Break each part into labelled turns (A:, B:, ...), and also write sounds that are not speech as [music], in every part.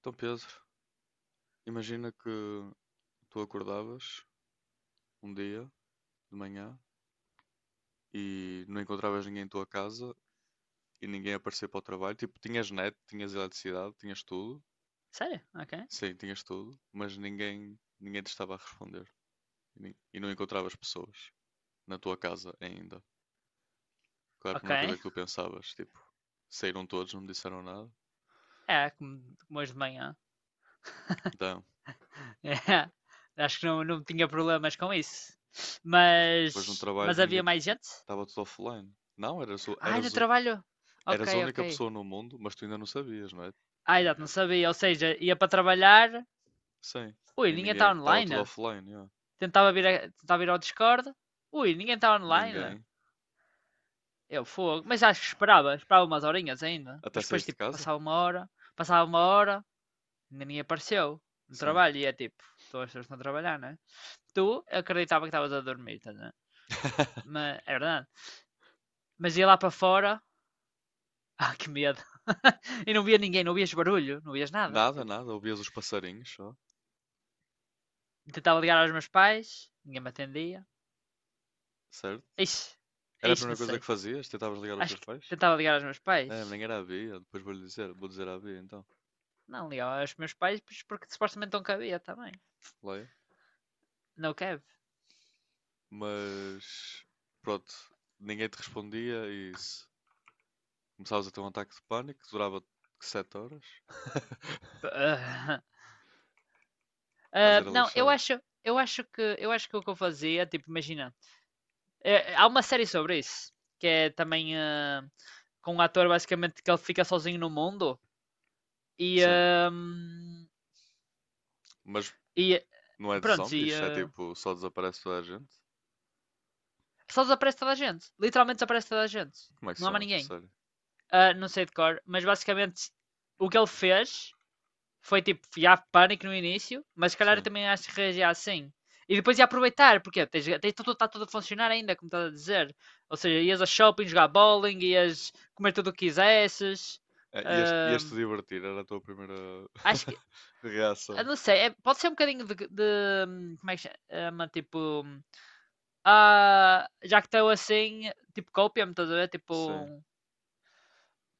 A: Então, Pedro, imagina que tu acordavas um dia de manhã e não encontravas ninguém em tua casa e ninguém aparecia para o trabalho. Tipo, tinhas net, tinhas eletricidade, tinhas tudo.
B: Sério? Ok.
A: Sim, tinhas tudo, mas ninguém te estava a responder. E não encontravas pessoas na tua casa ainda. Claro, a
B: Ok.
A: primeira coisa que tu pensavas, tipo, saíram todos, não me disseram nada.
B: É, como hoje de manhã.
A: Então,
B: [laughs] É. Acho que não tinha problemas com isso.
A: depois no
B: Mas,
A: trabalho
B: mas havia
A: ninguém
B: mais gente?
A: estava tudo offline. Não,
B: Ai, no trabalho? Ok,
A: eras a
B: ok.
A: única pessoa no mundo, mas tu ainda não sabias, não é?
B: Ah, exato, não
A: Tinhas-
B: sabia. Ou seja, ia para trabalhar.
A: Sim.
B: Ui,
A: E
B: ninguém está
A: ninguém. Estava tudo
B: online.
A: offline, yeah.
B: Tentava vir, tentava ir ao Discord. Ui, ninguém está online.
A: Ninguém.
B: Eu, fogo. Mas acho que esperava. Esperava umas horinhas ainda.
A: Até
B: Mas depois,
A: saíste de
B: tipo,
A: casa?
B: passava uma hora. Passava uma hora. Ainda nem apareceu no
A: Sim.
B: trabalho. E é tipo, todas as pessoas estão a trabalhar, né? Tu acreditava que estavas a dormir, estás a
A: [laughs]
B: mas, é verdade. Mas ia lá para fora, [laughs] ah, que medo. [laughs] e não via ninguém, não vias barulho, não vias nada.
A: Nada,
B: Eu
A: nada. Ouvias os passarinhos, só.
B: tentava ligar aos meus pais, ninguém me atendia.
A: Certo?
B: Ixi,
A: Era a
B: ixi,
A: primeira
B: não
A: coisa
B: sei.
A: que fazias? Tentavas ligar aos
B: Acho
A: teus
B: que
A: pais?
B: tentava ligar aos meus
A: É,
B: pais.
A: nem era a Bia. Depois vou-lhe dizer. Vou dizer à Bia, então.
B: Não, ligava aos meus pais pois porque supostamente não cabia também.
A: Leia.
B: Não cabe.
A: Mas. Pronto. Ninguém te respondia e isso. Começavas a ter um ataque de pânico que durava 7 horas. [laughs]
B: [laughs]
A: O caso
B: Ah,
A: era
B: não,
A: lixado.
B: eu acho que o que eu fazia, tipo, imagina, é, é, há uma série sobre isso, que é também com um ator basicamente que ele fica sozinho no mundo e,
A: Sim.
B: ah,
A: Mas
B: e
A: não é de
B: pronto, e
A: zombies? É
B: ah,
A: tipo, só desaparece toda a gente?
B: só desaparece toda a gente. Literalmente desaparece toda a gente.
A: Como é que se
B: Não há
A: chama
B: mais
A: essa
B: ninguém.
A: série?
B: Ah, não sei de cor, mas basicamente o que ele fez foi tipo, já pânico no início, mas se calhar eu
A: Sim.
B: também acho que reagir assim. E depois ia aproveitar, porque tens, tens tudo, está tudo a funcionar ainda, como estás a dizer. Ou seja, ias ao shopping jogar bowling, ias comer tudo o que quisesses.
A: É,
B: ah,
A: ias-te divertir, era a tua primeira
B: Acho que.
A: [laughs] reação.
B: Eu não sei, pode ser um bocadinho de, como é que se chama? Tipo. Ah, já que estou assim, tipo, copia-me, estás a ver? Tipo,
A: Sim,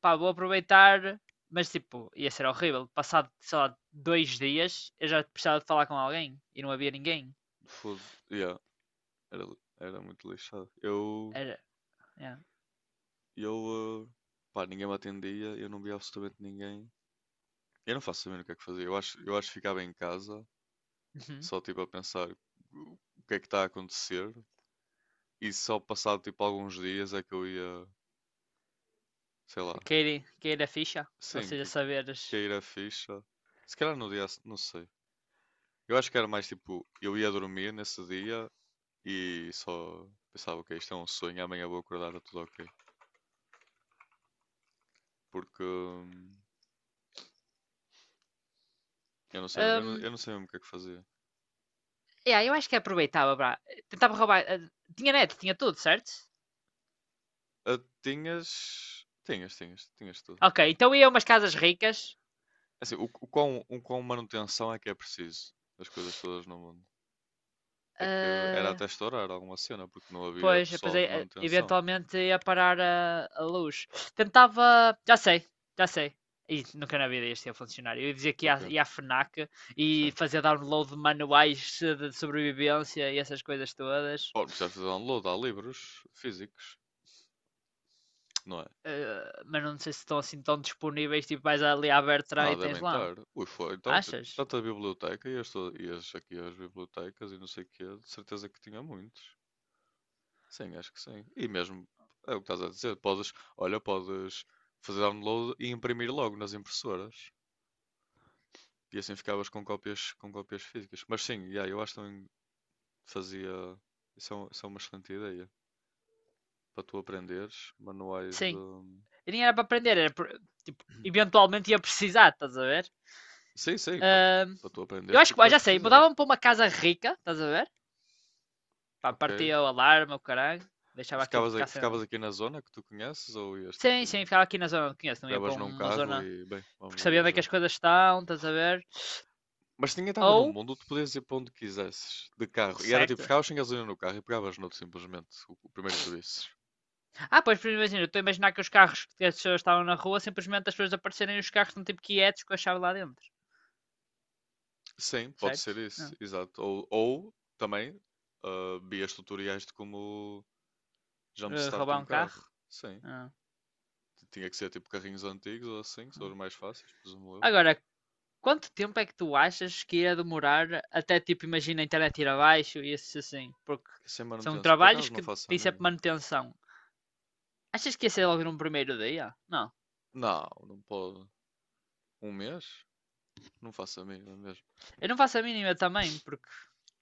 B: pá, vou aproveitar. Mas, tipo, ia ser horrível. Passado, sei lá, 2 dias, eu já precisava de falar com alguém e não havia ninguém.
A: foda, yeah, era muito lixado. Eu,
B: Era. Yeah.
A: eu, eh, pá, ninguém me atendia, eu não via absolutamente ninguém. Eu não faço saber o que é que fazia. Eu acho que ficava em casa,
B: Uhum.
A: só tipo a pensar o que é que está a acontecer. E só passado tipo alguns dias é que eu ia, sei lá,
B: Cair, cair a ficha. Ou
A: sim,
B: seja,
A: que
B: saberes.
A: cair a ficha. Se calhar no dia, a se- não sei. Eu acho que era mais tipo, eu ia dormir nesse dia e só pensava, ok, isto é um sonho, amanhã vou acordar, está tudo ok. Porque
B: Hum,
A: eu não sei mesmo o que é que fazia.
B: yeah, eu acho que aproveitava, pá. Tentava roubar. Tinha net, tinha tudo, certo?
A: Ah, tinhas tudo.
B: Ok, então ia a umas casas ricas.
A: É assim, o quão manutenção é que é preciso das coisas todas no mundo? É que era até
B: ah,
A: estourar alguma cena, porque não havia
B: Pois, depois
A: pessoal de manutenção.
B: eventualmente ia parar a luz. Tentava. Já sei, já sei. Ih, nunca na vida isto ia funcionar. Eu ia dizer que
A: O
B: ia,
A: quê?
B: ia à FNAC e
A: Sim.
B: fazer download de manuais de sobrevivência e essas coisas todas.
A: Bom, precisaste fazer download, há livros físicos, não é?
B: Eh, mas não sei se estão assim tão disponíveis. Tipo, vais ali à Bertrand
A: Ah,
B: e tens
A: devem
B: lá.
A: estar. Ui, foi. Então,
B: Achas?
A: tanta biblioteca, ias aqui às bibliotecas e não sei o quê, de certeza que tinha muitos. Sim, acho que sim. E mesmo, é o que estás a dizer, podes, olha, podes fazer download e imprimir logo nas impressoras. E assim ficavas com cópias físicas. Mas sim, yeah, eu acho que também fazia. Isso é uma excelente ideia. Para tu aprenderes manuais
B: Sim.
A: de.
B: E nem era para aprender, tipo,
A: [clears throat]
B: eventualmente ia precisar, estás a ver?
A: Sim, sim, pa-
B: Ah,
A: para tu
B: eu
A: aprenderes
B: acho que,
A: porque vais
B: já sei,
A: precisar,
B: mudava-me para uma casa rica, estás a ver? Pá,
A: ok?
B: partia o alarme, o caralho, deixava aquilo
A: Ficavas,
B: ficar
A: a-
B: sem.
A: ficavas aqui na zona que tu conheces ou ias
B: Sim, sim,
A: tipo,
B: ficava aqui na zona que conheço, não ia para
A: pegavas num
B: uma
A: carro
B: zona.
A: e bem,
B: Porque
A: vamos
B: sabia onde é que
A: viajar.
B: as coisas estão, estás a ver?
A: Mas se ninguém estava no
B: Ou,
A: mundo, tu podias ir para onde quisesses, de carro. E era tipo,
B: certo.
A: ficavas sem gasolina no carro e pegavas noutro simplesmente, o primeiro que visses.
B: Ah, pois, por exemplo, eu estou a imaginar que os carros que as pessoas estavam na rua, simplesmente as pessoas aparecerem e os carros estão tipo quietos com a chave lá dentro,
A: Sim, pode
B: certo?
A: ser
B: Ah.
A: isso, exato. Ou também vias tutoriais de como
B: Eh,
A: jumpstart
B: roubar
A: um
B: um carro?
A: carro. Sim,
B: Ah,
A: Tinha que ser tipo carrinhos antigos ou assim, que são
B: ah.
A: os mais fáceis, presumo eu.
B: Agora, quanto tempo é que tu achas que ia demorar até, tipo, imagina a internet ir abaixo e isso assim? Porque
A: Que Sem
B: são
A: manutenção, por
B: trabalhos
A: acaso não
B: que
A: faço a
B: têm sempre
A: mínima.
B: manutenção. Achas que ia ser logo no primeiro dia? Não.
A: Não, não pode. Um mês? Não faço a mínima mesmo.
B: Eu não faço a mínima também, porque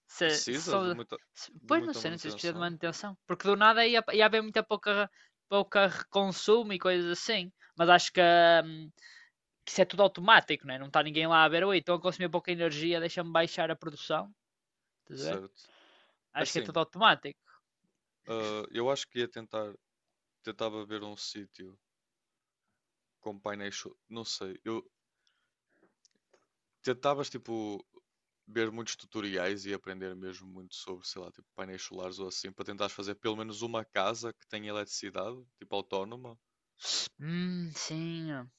B: se
A: Precisa de
B: só.
A: muita, de
B: Pois não
A: muita
B: sei, não sei se precisa de
A: manutenção,
B: manutenção. Porque do nada ia, ia haver muita pouca, pouca consumo e coisas assim. Mas acho que isso é tudo automático, né? Não está ninguém lá a ver, oi, estão a consumir pouca energia, deixa-me baixar a produção. Estás a ver?
A: certo? É
B: Acho que é
A: assim,
B: tudo automático.
A: eu acho que tentava ver um sítio com painéis, não sei, eu tentavas tipo ver muitos tutoriais e aprender mesmo muito sobre, sei lá, tipo painéis solares ou assim, para tentares fazer pelo menos uma casa que tenha eletricidade, tipo autónoma,
B: Sim.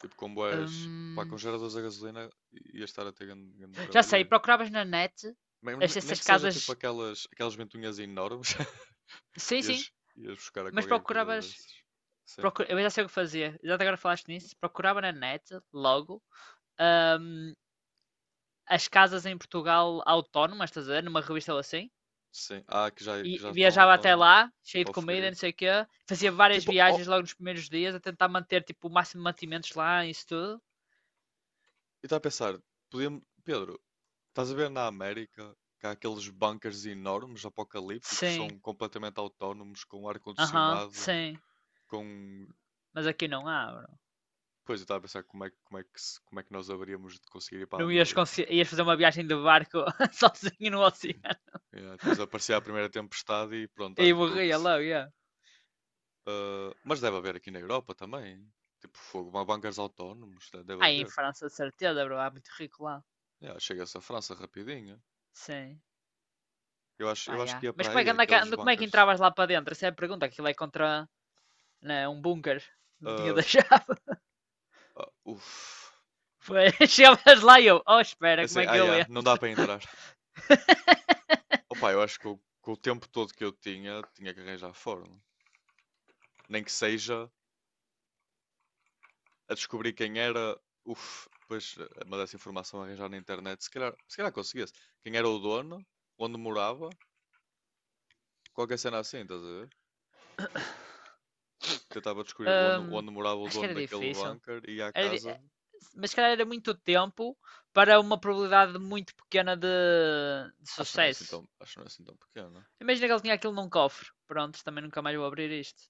A: tipo com boas, pá, com
B: Hum,
A: geradores a gasolina ia estar a ter grande, grande
B: Já sei,
A: trabalheiro.
B: procuravas na net
A: Mesmo nem
B: essas
A: que seja tipo
B: casas.
A: aquelas ventoinhas enormes. [laughs]
B: Sim, sim,
A: Ias, ias buscar a
B: mas
A: qualquer coisa
B: procuravas
A: dessas. Sim,
B: Eu já sei o que fazia. Já agora falaste nisso. Procurava na net, logo, ahm, as casas em Portugal autónomas, estás a ver? Numa revista ou assim.
A: sim. Ah, que já, que
B: E
A: já estão
B: viajava até
A: autónomas.
B: lá, cheio
A: Tipo
B: de
A: ao
B: comida,
A: Figueiredo.
B: não sei o quê. Fazia várias
A: Tipo, oh,
B: viagens logo nos primeiros dias a tentar manter, tipo, o máximo de mantimentos lá e isso tudo.
A: eu estava a pensar, podíamos... Pedro, estás a ver na América que há aqueles bunkers enormes, apocalípticos, que
B: Sim,
A: são completamente autónomos, com
B: aham, uhum,
A: ar-condicionado,
B: sim.
A: com...
B: Mas aqui não há, bro.
A: Pois, eu estava a pensar como é que, se- como é que nós haveríamos de conseguir ir para a
B: Não ias,
A: América.
B: ias fazer uma viagem de barco [laughs] sozinho no
A: [clears throat]
B: oceano.
A: Yeah, depois aparecia a primeira tempestade e pronto,
B: E
A: I'm
B: morria
A: cooked.
B: logo, yeah.
A: Ah, mas deve haver aqui na Europa também. Tipo, fogo, bancos autónomos, deve
B: Aí em
A: haver.
B: França, de certeza, bro. Há muito rico lá.
A: Yeah, chega-se à França rapidinho.
B: Sim.
A: Eu acho,
B: Pá,
A: eu acho que
B: yeah.
A: ia
B: Mas
A: para
B: como é,
A: aí,
B: que
A: aqueles
B: como é que
A: bancos.
B: entravas lá para dentro? Essa é a pergunta. Aquilo é contra né, um bunker. [laughs] Não tinha
A: Ah,
B: deixado.
A: ah, uf.
B: [laughs] Foi. [laughs] Chegavas lá e eu, oh,
A: É
B: espera, como
A: assim,
B: é que eu
A: yeah,
B: entro?
A: não dá para entrar.
B: [laughs]
A: Opa, eu acho que com o tempo todo que eu tinha, tinha que arranjar forma. Nem que seja a descobrir quem era. Uf, pois, mas essa informação a arranjar na internet, se calhar conseguia-se. Quem era o dono, onde morava, qualquer cena assim, estás a ver? Tentava descobrir onde,
B: Hum,
A: onde morava o
B: acho que
A: dono
B: era
A: daquele
B: difícil.
A: bunker e ia à
B: Era di-
A: casa.
B: eh, Mas se calhar era muito tempo para uma probabilidade muito pequena de
A: Acho que não era assim
B: sucesso.
A: tão, acho que não era assim tão pequeno.
B: Imagina que ele tinha aquilo num cofre. Pronto, também nunca mais vou abrir isto.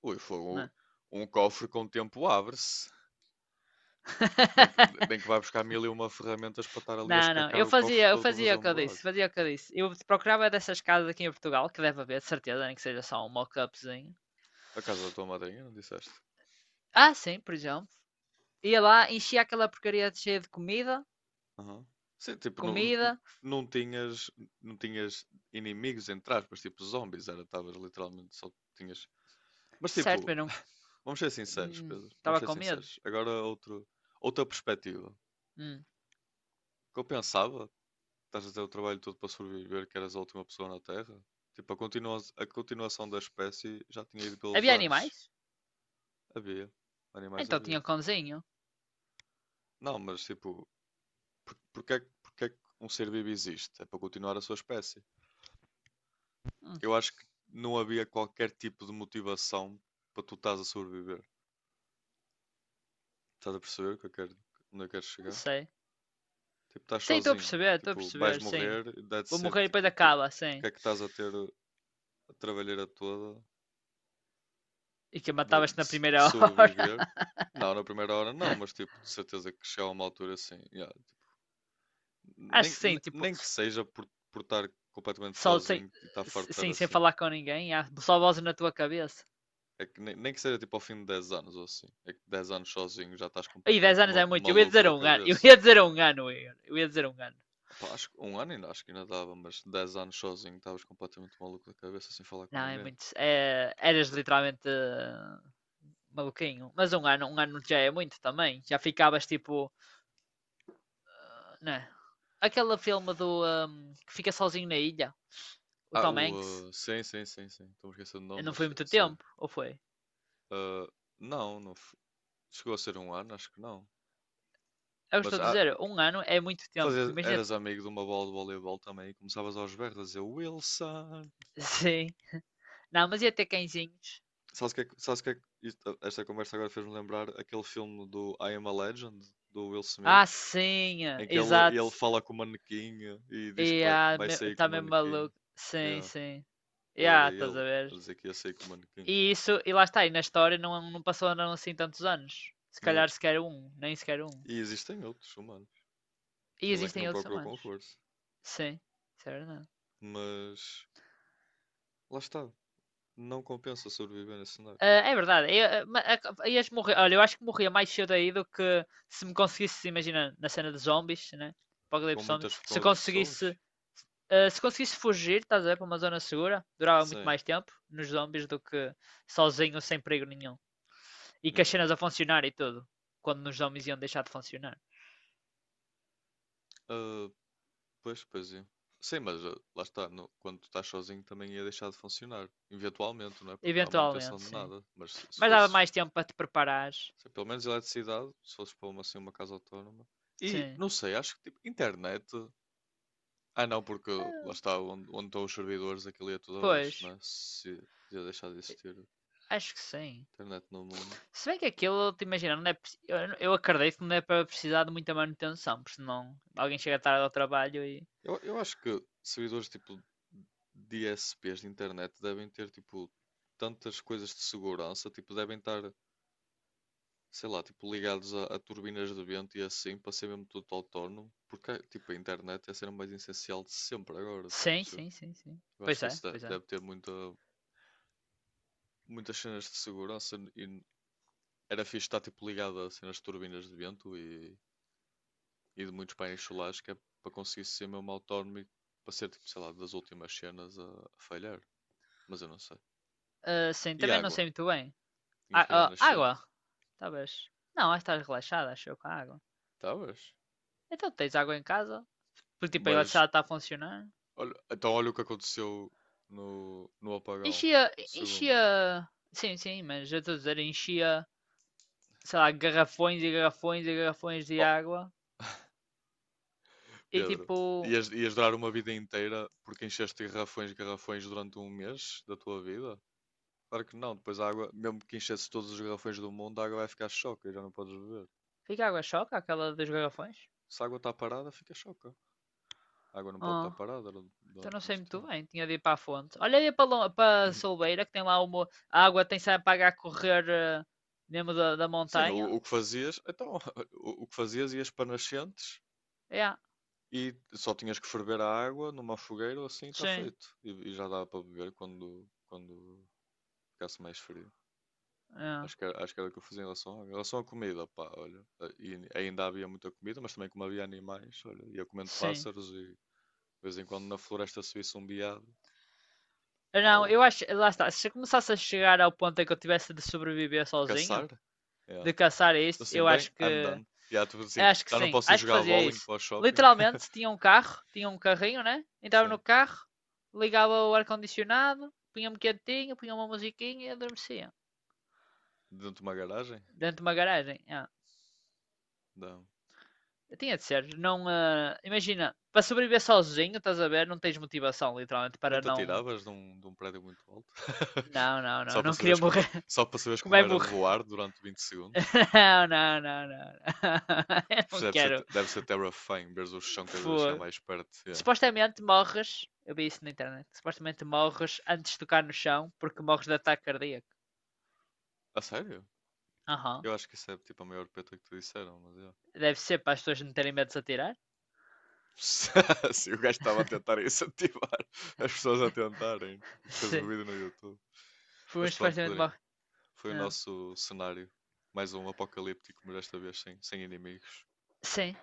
A: Ui, foi
B: Não é?
A: um cofre. Com o tempo abre-se. Nem que,
B: [laughs]
A: nem que vai buscar mil e uma ferramentas para estar ali a
B: Não, não.
A: escacar o cofre
B: Eu
A: todo para
B: fazia
A: fazer
B: o
A: um
B: que eu disse,
A: buraco.
B: fazia o que eu disse. Eu procurava dessas casas aqui em Portugal, que deve haver, de certeza, nem que seja só um mock-upzinho.
A: A casa da tua madrinha, não disseste?
B: Ah, sim, por exemplo. Ia lá, enchia aquela porcaria de cheia de comida,
A: Aham. Sim, tipo, não,
B: comida,
A: não tinhas, não tinhas inimigos entre aspas, tipo zombies, era, estavas literalmente só tinhas. Mas
B: certo,
A: tipo,
B: mas não.
A: [laughs] vamos ser sinceros, Pedro, vamos
B: Estava
A: ser
B: com medo.
A: sinceros. Agora outra perspectiva. O
B: Hum.
A: que eu pensava. Estás a ter o trabalho todo para sobreviver, que eras a última pessoa na Terra? Tipo, continua a continuação da espécie já tinha ido pelos
B: Havia
A: ares.
B: animais?
A: Havia.
B: Ah,
A: Animais
B: então tinha
A: havia.
B: um cãozinho.
A: Não, mas tipo, porque é que um ser vivo existe? É para continuar a sua espécie.
B: Hum,
A: Eu acho que não havia qualquer tipo de motivação para tu estás a sobreviver. Estás a perceber o que eu quero, onde eu quero
B: não
A: chegar?
B: sei.
A: Tipo, estás
B: Sim,
A: sozinho.
B: estou a
A: Tipo, vais
B: perceber, sim.
A: morrer, e
B: Vou
A: that's it.
B: morrer e depois
A: Tipo,
B: acaba, sim.
A: porque é que estás a ter a trabalheira toda
B: E que
A: de,
B: matavas-te
A: de
B: na
A: s- de
B: primeira [laughs] hora.
A: sobreviver. Não, na primeira hora não, mas tipo, de certeza que chega a uma altura assim. Yeah,
B: Acho
A: Nem,
B: que sim,
A: ne-
B: tipo,
A: nem que seja por estar completamente
B: só sem,
A: sozinho e estar farto de estar
B: sim, sem
A: assim.
B: falar com ninguém, só vozes na tua cabeça.
A: É que nem que seja tipo ao fim de 10 anos ou assim. É que dez anos sozinho já estás
B: Aí, 10
A: completamente
B: anos é muito. Eu ia
A: maluco
B: dizer
A: da
B: um ano. Eu
A: cabeça.
B: ia dizer um ano, Eu ia dizer um ano.
A: Opá, acho que um ano ainda acho que ainda dava, mas 10 anos sozinho estavas completamente maluco da cabeça sem falar com
B: Não, é
A: ninguém.
B: muito. É, eras literalmente maluquinho. Mas um ano já é muito também. Já ficavas tipo. Né? Aquele filme do. Que fica sozinho na ilha. O
A: Ah,
B: Tom Hanks.
A: o. Sim, sim, sim, sim. Estou-me esquecendo o nome,
B: Não
A: mas
B: foi
A: sei.
B: muito
A: Sei.
B: tempo, ou foi?
A: Uh, não, não. Chegou a ser um ano, acho que não.
B: É o que estou
A: Mas
B: a
A: há,
B: dizer. Um ano é muito tempo.
A: Fazer,
B: Imagina.
A: eras amigo de uma bola de voleibol também e começavas aos berros a dizer Wilson.
B: [laughs] Sim. Não, mas ia ter cãezinhos.
A: Esta conversa agora fez-me lembrar aquele filme do I Am a Legend, do Will Smith,
B: Ah, sim.
A: em que ele
B: Exato.
A: fala com o manequim e diz que vai,
B: Yeah,
A: vai sair com
B: tá
A: o
B: mesmo
A: manequim.
B: maluco. Sim,
A: Yeah,
B: sim.
A: eu era
B: Yeah, estás
A: ele
B: a ver?
A: a dizer que ia sair com o manequim.
B: E isso, e lá está, e na história não, não passou não, assim tantos anos. Se
A: Yeah.
B: calhar sequer um, nem sequer um.
A: E existem outros humanos.
B: E
A: Ele é que não
B: existem outros
A: procurou com
B: humanos.
A: força.
B: Sim, isso é verdade.
A: Mas lá está. Não compensa sobreviver nesse cenário.
B: Ah, é verdade. Eu, ah, ma- a- ias morrer. Olha, eu acho que morria mais cedo aí do que se me conseguisse, imagina, na cena de zombies, né?
A: Com
B: Apocalipse zombie.
A: muitas, com
B: Se
A: outras pessoas.
B: conseguisse, se conseguisse fugir, estás a ver, para uma zona segura, durava muito
A: Sim.
B: mais tempo nos zombies do que sozinho, sem perigo nenhum. E que
A: Yeah.
B: as cenas a funcionar e tudo. Quando nos zombies iam deixar de funcionar.
A: Ah, pois, pois é. Sim, mas lá está, quando tu estás sozinho também ia deixar de funcionar. Eventualmente, não é? Porque não há manutenção
B: Eventualmente,
A: de
B: sim.
A: nada. Mas se
B: Mas dava
A: fosses,
B: mais tempo para te preparares.
A: se pelo menos eletricidade, se fosses para uma, assim, uma casa autónoma. E,
B: Sim.
A: não sei, acho que tipo, internet. Ah, não, porque lá está, onde estão os servidores, aquilo ia tudo
B: Pois,
A: abaixo, não é? Se ia deixar de existir
B: acho que sim.
A: internet no mundo.
B: Se bem que aquilo, te imagina, não é, eu acredito que não é para precisar de muita manutenção, porque senão alguém chega tarde ao trabalho e.
A: Eu acho que servidores tipo DSPs de internet devem ter tipo tantas coisas de segurança, tipo, devem estar sei lá, tipo, ligados a turbinas de vento e assim, para ser mesmo tudo autónomo, porque tipo, a internet é a cena mais essencial de sempre agora, tipo, não
B: Sim,
A: sei.
B: sim, sim, sim.
A: Eu acho
B: Pois
A: que
B: é,
A: isso
B: pois é.
A: deve ter muitas cenas de segurança e era fixe estar tipo, ligado a cenas de turbinas de vento e de muitos painéis solares, que é para conseguir ser mesmo autónomo e para ser, tipo, sei lá, das últimas cenas a falhar, mas eu não sei.
B: Ah, sim,
A: E
B: também não
A: água?
B: sei muito bem.
A: Tinhas
B: Ah,
A: que ir à
B: ah, água?
A: nascente?
B: Talvez. Não, acho que estás relaxada, acho eu, com a água.
A: Estavas?
B: Então tens água em casa? Porque tipo a
A: Mas,
B: eletricidade está a funcionar.
A: olha, então olha o que aconteceu no apagão.
B: Enchia.
A: Segunda.
B: Enchia. Sim, sim, mas eu estou a dizer, enchia, sei lá, garrafões e garrafões e garrafões de
A: Oh,
B: água. E
A: Pedro,
B: tipo.
A: ias durar uma vida inteira porque encheste garrafões e garrafões durante um mês da tua vida? Claro que não, depois a água, mesmo que enchesse todos os garrafões do mundo, a água vai ficar choca e já não podes beber.
B: Fica água choca, aquela dos garrafões?
A: Se a água está parada, fica choca. A água não pode estar
B: Ah,
A: parada
B: então
A: durante
B: não sei
A: muito
B: muito
A: tempo.
B: bem, tinha de ir para a fonte. Olha aí para, para a Solbeira, que tem lá uma. A água tem sempre para a correr mesmo da, da
A: Sim,
B: montanha.
A: o que fazias, então, [laughs] o que fazias ias para nascentes
B: É,
A: e só tinhas que ferver a água numa fogueira ou assim, está
B: sim,
A: feito. E já dava para beber quando ficasse mais frio.
B: é,
A: Acho que era o que eu fazia em relação, em relação à comida, pá, olha. E ainda havia muita comida, mas também como havia animais, olha, ia comendo
B: sim.
A: pássaros e de vez em quando na floresta se visse um veado,
B: Não,
A: pau,
B: eu acho. Lá está. Se eu começasse a chegar ao ponto em que eu tivesse de sobreviver
A: que caçar.
B: sozinho,
A: É. Então
B: de caçar isso,
A: assim,
B: eu
A: bem,
B: acho
A: I'm
B: que.
A: done. Já, tipo assim,
B: Acho que
A: já não
B: sim.
A: posso ir
B: Acho que
A: jogar
B: fazia
A: bowling
B: isso.
A: para o shopping. [laughs]
B: Literalmente, tinha um carro, tinha um carrinho, né? Entrava no
A: Sim,
B: carro, ligava o ar-condicionado, punha-me quietinho, punha uma musiquinha e adormecia.
A: dentro de uma garagem.
B: Dentro de uma garagem. Ah,
A: Não.
B: tinha de ser. Não, imagina, para sobreviver sozinho, estás a ver? Não tens motivação, literalmente,
A: Nem
B: para
A: te
B: não.
A: atiravas de de um prédio muito alto. [laughs]
B: Não, não,
A: Só
B: não.
A: para
B: Não queria
A: saberes como,
B: morrer. [laughs]
A: só para saberes
B: Como
A: como
B: é
A: era
B: morrer?
A: voar durante 20 segundos.
B: Não, não, não, não. [laughs] Eu
A: Isto
B: não
A: Deve ser,
B: quero.
A: deve ser terrifying, veres o chão cada vez a chegar
B: Fogo.
A: mais perto. Yeah.
B: Supostamente morres. Eu vi isso na internet. Supostamente morres antes de tocar no chão porque morres de ataque cardíaco.
A: A sério?
B: Aham. Uhum.
A: Eu acho que isso é tipo a maior peta que te disseram, mas eu.
B: Deve ser para as pessoas não terem medo de se atirar.
A: [laughs] Se o gajo estava a tentar incentivar as pessoas a tentarem
B: [laughs]
A: o que fez o
B: Sim.
A: vídeo no YouTube.
B: Foi um
A: Mas pronto,
B: supostamente
A: Pedrinho,
B: morre.
A: foi o
B: Não.
A: nosso cenário. Mais um apocalíptico, mas desta vez sem inimigos.
B: Sim.